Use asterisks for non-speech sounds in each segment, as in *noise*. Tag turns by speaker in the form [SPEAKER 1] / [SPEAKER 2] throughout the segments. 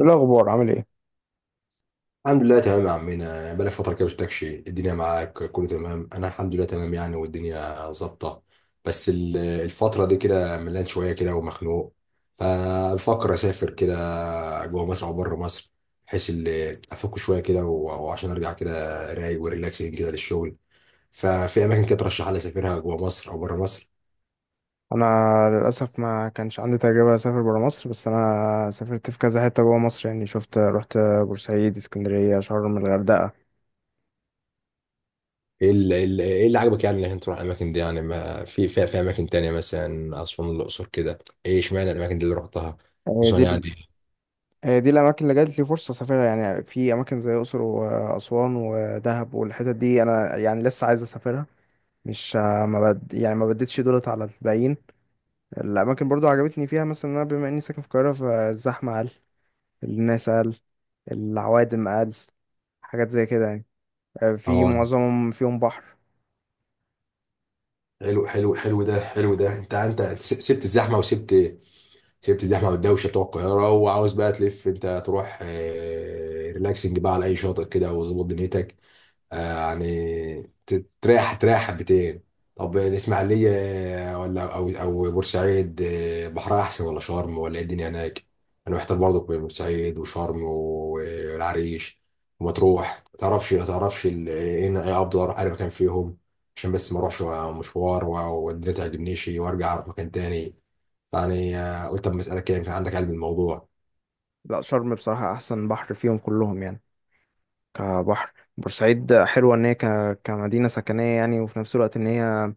[SPEAKER 1] إيه الأخبار عامل ايه؟
[SPEAKER 2] الحمد لله تمام يا عمنا، يعني بقالي فترة كده مشفتكش. الدنيا معاك كله تمام؟ أنا الحمد لله تمام يعني، والدنيا ظابطة. بس الفترة دي كده ملان شوية كده ومخنوق. فبفكر أسافر كده، جوه مصر أو بره مصر، بحيث أفك شوية كده و- وعشان أرجع كده رايق وريلاكسنج كده للشغل. ففي أماكن كده ترشح لي أسافرها جوه مصر أو بره مصر؟
[SPEAKER 1] أنا للأسف ما كانش عندي تجربة أسافر برا مصر، بس أنا سافرت في كذا حتة جوا مصر. يعني شفت رحت بورسعيد، اسكندرية، شرم، الغردقة.
[SPEAKER 2] إيه اللي, إيه اللي عجبك يعني إنك أنت تروح الأماكن دي؟ يعني ما في في في أماكن تانية مثلا أسوان الأقصر كده، إيه إشمعنى الأماكن دي اللي رحتها؟
[SPEAKER 1] هي
[SPEAKER 2] خصوصا
[SPEAKER 1] دي
[SPEAKER 2] يعني.
[SPEAKER 1] هي دي الأماكن اللي جات لي فرصة أسافرها. يعني في أماكن زي الأقصر وأسوان ودهب والحتت دي أنا يعني لسه عايز أسافرها. مش ما بد... يعني ما بديتش دولت على الباقيين. الأماكن برضو عجبتني فيها، مثلا إن أنا بما إني ساكن في القاهرة، فالزحمة أقل، الناس أقل، العوادم أقل، حاجات زي كده يعني. في
[SPEAKER 2] اه،
[SPEAKER 1] معظمهم فيهم بحر.
[SPEAKER 2] حلو حلو حلو، ده حلو. ده انت سبت الزحمه وسبت، سبت الزحمه والدوشه بتوع القاهره، وعاوز بقى تلف انت تروح، ريلاكسنج بقى على اي شاطئ كده وظبط دنيتك. آه، يعني تريح، تريح حبتين. طب الإسماعيلية، ولا أو بورسعيد، بحرها أحسن ولا شرم، ولا إيه الدنيا هناك؟ أنا محتار برضه بين بورسعيد وشرم والعريش ومطروح، متعرفش، متعرفش إيه، أفضل أروح أي مكان فيهم؟ عشان بس ما أروحش مشوار و- والدنيا تعجبنيش وأرجع أروح مكان تاني. يعني قلت أما أسألك كده، يمكن عندك علم الموضوع.
[SPEAKER 1] لا، شرم بصراحة أحسن بحر فيهم كلهم يعني. كبحر بورسعيد حلوة كمدينة سكنية يعني، وفي نفس الوقت إن هي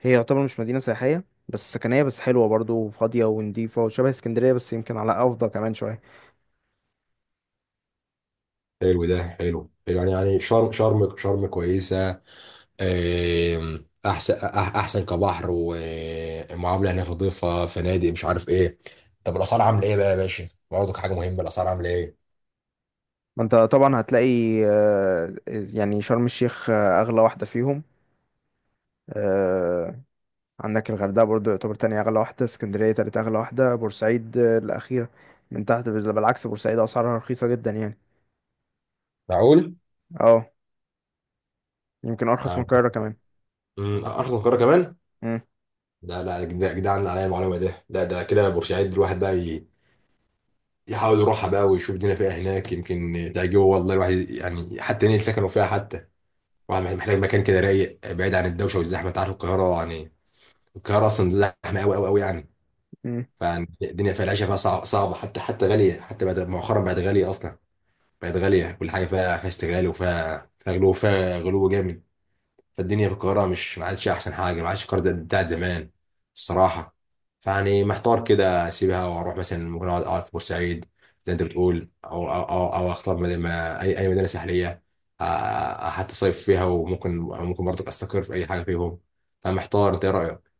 [SPEAKER 1] هي يعتبر مش مدينة سياحية بس سكنية، بس حلوة برضو وفاضية ونضيفة وشبه اسكندرية، بس يمكن على أفضل كمان شوية.
[SPEAKER 2] حلو ده، حلو حلو. يعني يعني شرم، شرم كويسة. احسن، احسن كبحر، ومعامله هناك نظيفه، فنادق، مش عارف ايه. طب الاسعار عامله ايه بقى يا باشا؟ برضك حاجه مهمه، الاسعار عامله ايه؟
[SPEAKER 1] ما أنت طبعا هتلاقي يعني شرم الشيخ أغلى واحدة فيهم. آه، عندك الغردقة برضو يعتبر تاني أغلى واحدة، اسكندرية تالت أغلى واحدة، بورسعيد الأخيرة من تحت. بالعكس بورسعيد أسعارها رخيصة جدا يعني.
[SPEAKER 2] معقول؟
[SPEAKER 1] اه، يمكن ارخص من
[SPEAKER 2] يعني،
[SPEAKER 1] القاهره كمان.
[SPEAKER 2] ارخص من القاهره كمان؟
[SPEAKER 1] مم.
[SPEAKER 2] لا لا يا يا جدعان، عليا المعلومه ده. لا، ده كده بورسعيد الواحد بقى يحاول يروحها بقى ويشوف الدنيا فيها هناك، يمكن تعجبه والله الواحد، يعني حتى ينقل سكنه فيها حتى. واحد محتاج مكان كده رايق بعيد عن الدوشه والزحمه. انت عارف القاهره يعني، القاهره اصلا زحمه قوي قوي قوي يعني.
[SPEAKER 1] مم.
[SPEAKER 2] فالدنيا فيها، العيشه فيها صعبه حتى، حتى غاليه، حتى بعد مؤخرا بقت غاليه اصلا. بقت غاليه كل حاجه فيها، فيها استغلال، وفيها غلو، فيها غلو جامد. فالدنيا في القاهره مش، ما عادش احسن حاجه، ما عادش القاهره بتاعت زمان الصراحه. فيعني محتار كده اسيبها واروح مثلا، ممكن أقعد في بورسعيد زي انت بتقول، أو اختار مدينة اي مدينه ساحليه، آه، آه، حتى صيف فيها. وممكن، ممكن برضك استقر في اي حاجه فيهم. فمحتار، انت ايه رايك؟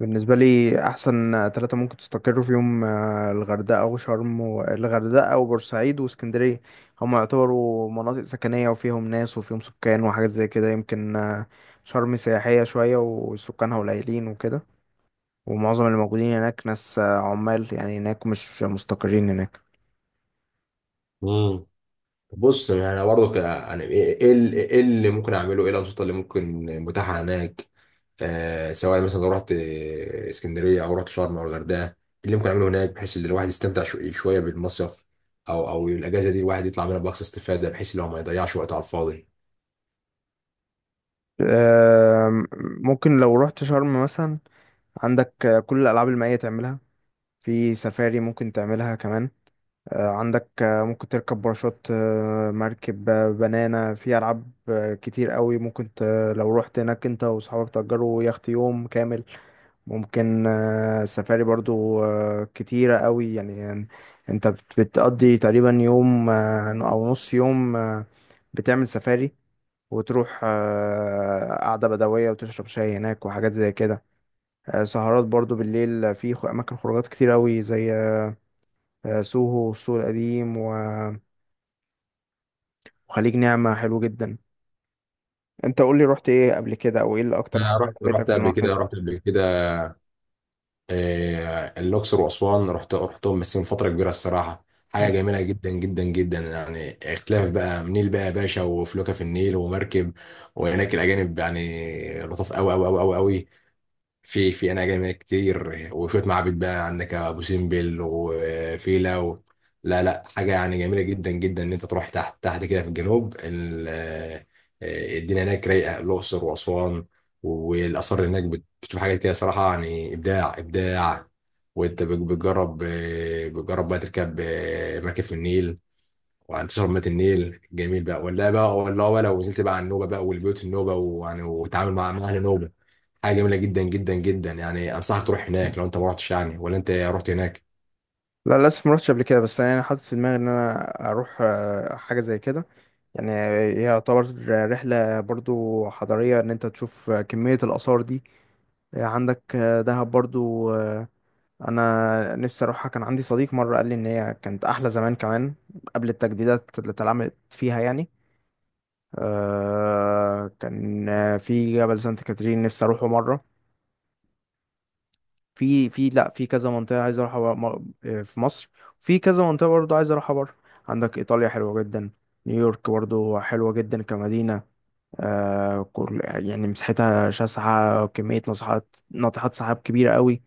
[SPEAKER 1] بالنسبه لي احسن ثلاثه ممكن تستقروا فيهم الغردقه وشرم، والغردقه وبورسعيد واسكندريه. هم يعتبروا مناطق سكنيه وفيهم ناس وفيهم سكان وحاجات زي كده، يمكن شرم سياحيه شويه وسكانها قليلين وكده، ومعظم اللي موجودين هناك ناس عمال يعني هناك، مش مستقرين هناك.
[SPEAKER 2] مم. بص، يعني انا برضه يعني ايه، إيه إيه اللي ممكن اعمله، ايه الانشطه اللي ممكن متاحه هناك؟ آه، سواء مثلا لو رحت، اسكندريه او رحت شرم او الغردقه، إيه اللي ممكن اعمله هناك بحيث ان الواحد يستمتع شويه بالمصيف؟ او او الاجازه دي الواحد يطلع منها باقصى استفاده، بحيث ان هو ما يضيعش وقته على الفاضي.
[SPEAKER 1] آم، ممكن لو رحت شرم مثلا عندك كل الالعاب المائيه تعملها، في سفاري ممكن تعملها كمان. عندك ممكن تركب باراشوت، مركب، بنانا، في ألعاب كتير قوي ممكن لو رحت هناك انت وصحابك تأجروا يخت يوم كامل. ممكن سفاري برضو كتيرة قوي. يعني انت بتقضي تقريبا يوم أو نص يوم. بتعمل سفاري، وتروح قعدة بدوية وتشرب شاي هناك وحاجات زي كده. سهرات برضو بالليل في أماكن خروجات كتير قوي، زي سوهو والسوق القديم وخليج نعمة، حلو جدا. انت قول لي رحت ايه قبل كده، او ايه اللي اكتر حاجة
[SPEAKER 2] انا رحت،
[SPEAKER 1] عجبتك في المنطقة دي؟
[SPEAKER 2] رحت قبل كده آه، الاقصر واسوان، رحتهم بس من فتره كبيره الصراحه. حاجه جميله جدا جدا جدا يعني، اختلاف بقى، نيل بقى يا باشا وفلوكه في النيل ومركب، وهناك الاجانب يعني لطاف قوي قوي قوي قوي قوي، في في انا جامعة كتير وشويه معابد بقى، عندك ابو سمبل وفيلا و... لا لا، حاجه يعني جميله جدا جدا ان انت تروح تحت، تحت كده في الجنوب آه، الدنيا هناك رايقه، الاقصر واسوان والاثار هناك. بتشوف حاجات كده صراحه يعني، ابداع ابداع. وانت بتجرب، بتجرب بقى تركب مركب في النيل وتشرب مية النيل. جميل بقى ولا بقى، ولا. ونزلت بقى على النوبه بقى والبيوت النوبه، ويعني وتعامل مع، مع اهل نوبه، حاجه جميله جدا جدا جدا يعني. انصحك تروح هناك لو انت ما رحتش يعني، ولا انت رحت هناك؟
[SPEAKER 1] لا، للاسف ما رحتش قبل كده، بس انا حاطط في دماغي ان انا اروح حاجة زي كده يعني. هي يعتبر رحلة برضو حضارية ان انت تشوف كمية الآثار دي. عندك دهب برضو. انا نفسي اروحها. كان عندي صديق مرة قال لي ان هي كانت احلى زمان كمان قبل التجديدات اللي اتعملت فيها يعني. كان في جبل سانت كاترين نفسي اروحه مرة. في في لا، في كذا منطقة عايز اروحها في مصر. في كذا منطقة برضو عايز اروحها بره. عندك ايطاليا حلوة جدا، نيويورك برضو حلوة جدا كمدينة. كل يعني مساحتها شاسعة، كمية ناطحات سحاب كبيرة قوي.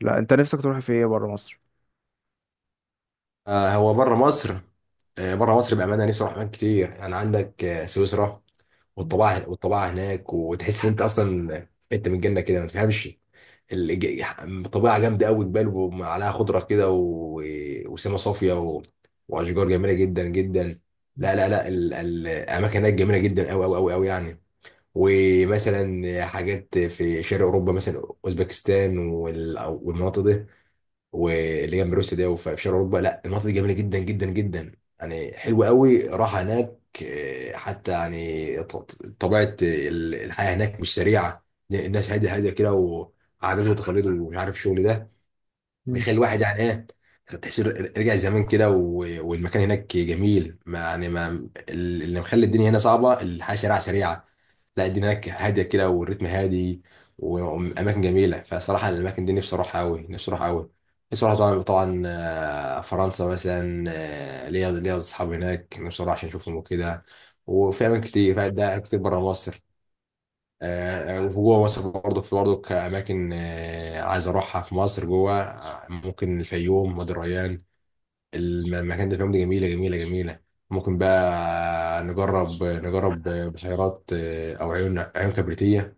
[SPEAKER 1] لا، انت نفسك تروح في ايه بره مصر؟
[SPEAKER 2] آه، هو بره مصر، آه، بره مصر بامانه نفسي اروح اماكن كتير يعني. عندك آه سويسرا، والطبيعه، والطبيعه هناك وتحس ان انت اصلا انت من الجنه كده ما تفهمش الج- الطبيعه جامده قوي، جبال وعليها خضره كده و... وسما صافيه و... واشجار جميله جدا جدا. لا لا لا، الاماكن هناك جميله جدا قوي قوي قوي قوي يعني. ومثلا حاجات في شرق اوروبا، مثلا اوزبكستان والمناطق دي واللي جنب روسيا ده، وفي شرق اوروبا. لا المناطق دي جميله جدا جدا جدا يعني، حلوه قوي، راحه هناك. آه، حتى يعني طبيعه الحياه هناك مش سريعه، الناس هاديه، هاديه كده، وعادات وتقاليد ومش عارف الشغل ده
[SPEAKER 1] مم.
[SPEAKER 2] بيخلي الواحد يعني ايه، تحس رجع زمان كده والمكان هناك جميل. ما يعني، ما اللي مخلي الدنيا هنا صعبه، الحياه شارع سريعه. لا الدنيا هناك هاديه كده، والريتم هادي، واماكن جميله. فصراحه الاماكن دي نفسي اروحها قوي، نفسي اروحها قوي. نفسي اروح طبعا طبعا آه، فرنسا مثلا، آه، ليا اصحاب هناك نفسي اروح عشان اشوفهم وكده. وفي اماكن كتير، ده كتير بره مصر، آه. وفي جوه مصر برضه، في برضه أماكن آه، عايز أروحها في مصر جوه، آه، ممكن الفيوم، وادي الريان. المكان ده، الفيوم دي، جميلة جميلة جميلة. ممكن بقى نجرب، بحيرات آه، أو عيون، عيون كبريتية.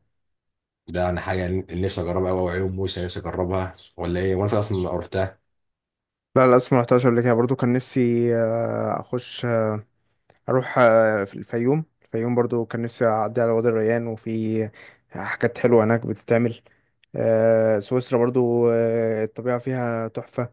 [SPEAKER 2] ده يعني حاجة اللي نفسي أجربها أوي، أو عيون موسى نفسي أجربها، ولا إيه؟ وأنا في أصلا رحتها.
[SPEAKER 1] لا، للأسف ما رحتهاش قبل كده برضو. كان نفسي أخش أروح في الفيوم. الفيوم برضو كان نفسي أعدي على وادي الريان، وفي حاجات حلوة هناك بتتعمل. سويسرا برضو الطبيعة فيها تحفة،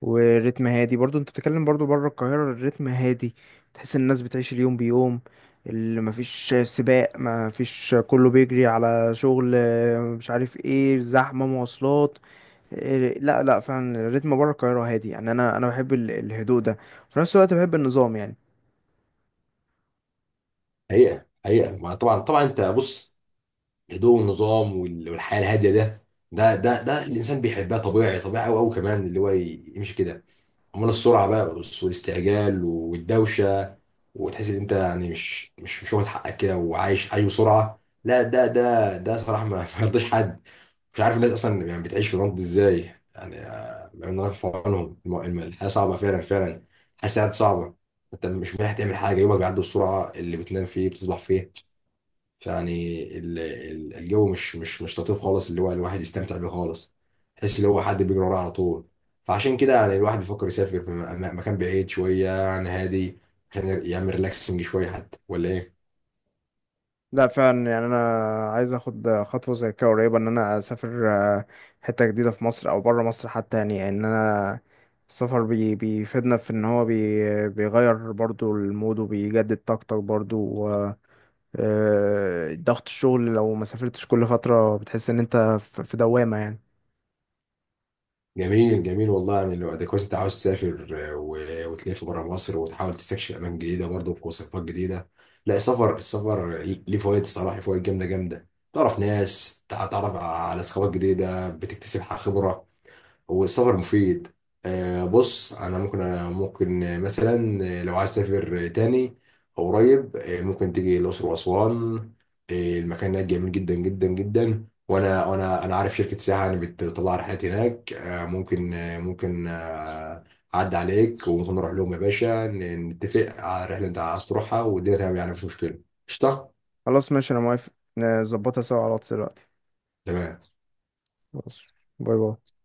[SPEAKER 1] والريتم هادي برضو. انت بتتكلم برضو بره القاهرة الريتم هادي، تحس ان الناس بتعيش اليوم بيوم، اللي مفيش سباق، مفيش كله بيجري على شغل مش عارف ايه، زحمة مواصلات. لا لا، فعلا الريتم بره القاهرة هادي يعني. انا بحب الهدوء ده، في نفس الوقت بحب النظام يعني.
[SPEAKER 2] حقيقة حقيقة، ما طبعا طبعا. أنت بص، الهدوء والنظام والحياه الهاديه ده، ده ده ده الانسان بيحبها طبيعي طبيعي قوي قوي، كمان اللي هو يمشي كده. امال السرعه بقى والاستعجال والدوشه، وتحس ان انت يعني مش مش مش واخد حقك كده، وعايش، عايش بسرعه، لا ده ده ده صراحه ما *laughs* ما يرضيش حد. مش عارف الناس اصلا يعني بتعيش في الوقت ده ازاي يعني. آه، ربنا يرفع في عنهم الحياه صعبه فعلا فعلا. الحياه ساعات صعبه. انت مش مريح تعمل حاجه، يومك بيعدي بسرعه، اللي بتنام فيه بتصبح فيه. فيعني الجو مش مش مش لطيف خالص، اللي هو الواحد يستمتع بيه خالص. تحس ان هو حد بيجري وراه على طول. فعشان كده يعني الواحد بيفكر يسافر في مكان بعيد شويه يعني، هادي، عشان يعمل ريلاكسنج شويه حتى، ولا ايه؟
[SPEAKER 1] لا فعلا، يعني انا عايز اخد خطوه زي كده قريبه ان انا اسافر آه، حته جديده في مصر او بره مصر حتى. يعني ان انا السفر بيفيدنا في ان هو بيغير برضو المود وبيجدد طاقتك برضو، و ضغط الشغل لو ما سافرتش كل فتره بتحس ان انت في دوامه يعني.
[SPEAKER 2] جميل جميل والله، يعني لو ده كويس انت عاوز تسافر، آه، وتلف بره مصر وتحاول تستكشف اماكن جديده برضه، بوصفات جديده. لا، السفر، السفر ليه فوائد الصراحه، ليه فوائد جامده جامده. تعرف ناس، تعرف على ثقافات جديده، بتكتسب خبره. والسفر مفيد. آه، بص انا ممكن، أنا ممكن آه، مثلا آه، لو عايز تسافر آه، تاني أو قريب آه، ممكن تيجي الاقصر واسوان. آه، المكان هناك جميل جدا جدا جدا. وانا انا عارف شركه سياحه يعني بتطلع رحلات هناك، آه، ممكن آه، ممكن آه، اعدي عليك وممكن نروح لهم يا باشا، نتفق على الرحله اللي انت عايز تروحها والدنيا تمام، يعني مفيش مشكله. قشطه.
[SPEAKER 1] خلاص ماشي، انا موافق، نظبطها سوا على الواتس دلوقتي.
[SPEAKER 2] تمام.
[SPEAKER 1] خلاص. باي باي.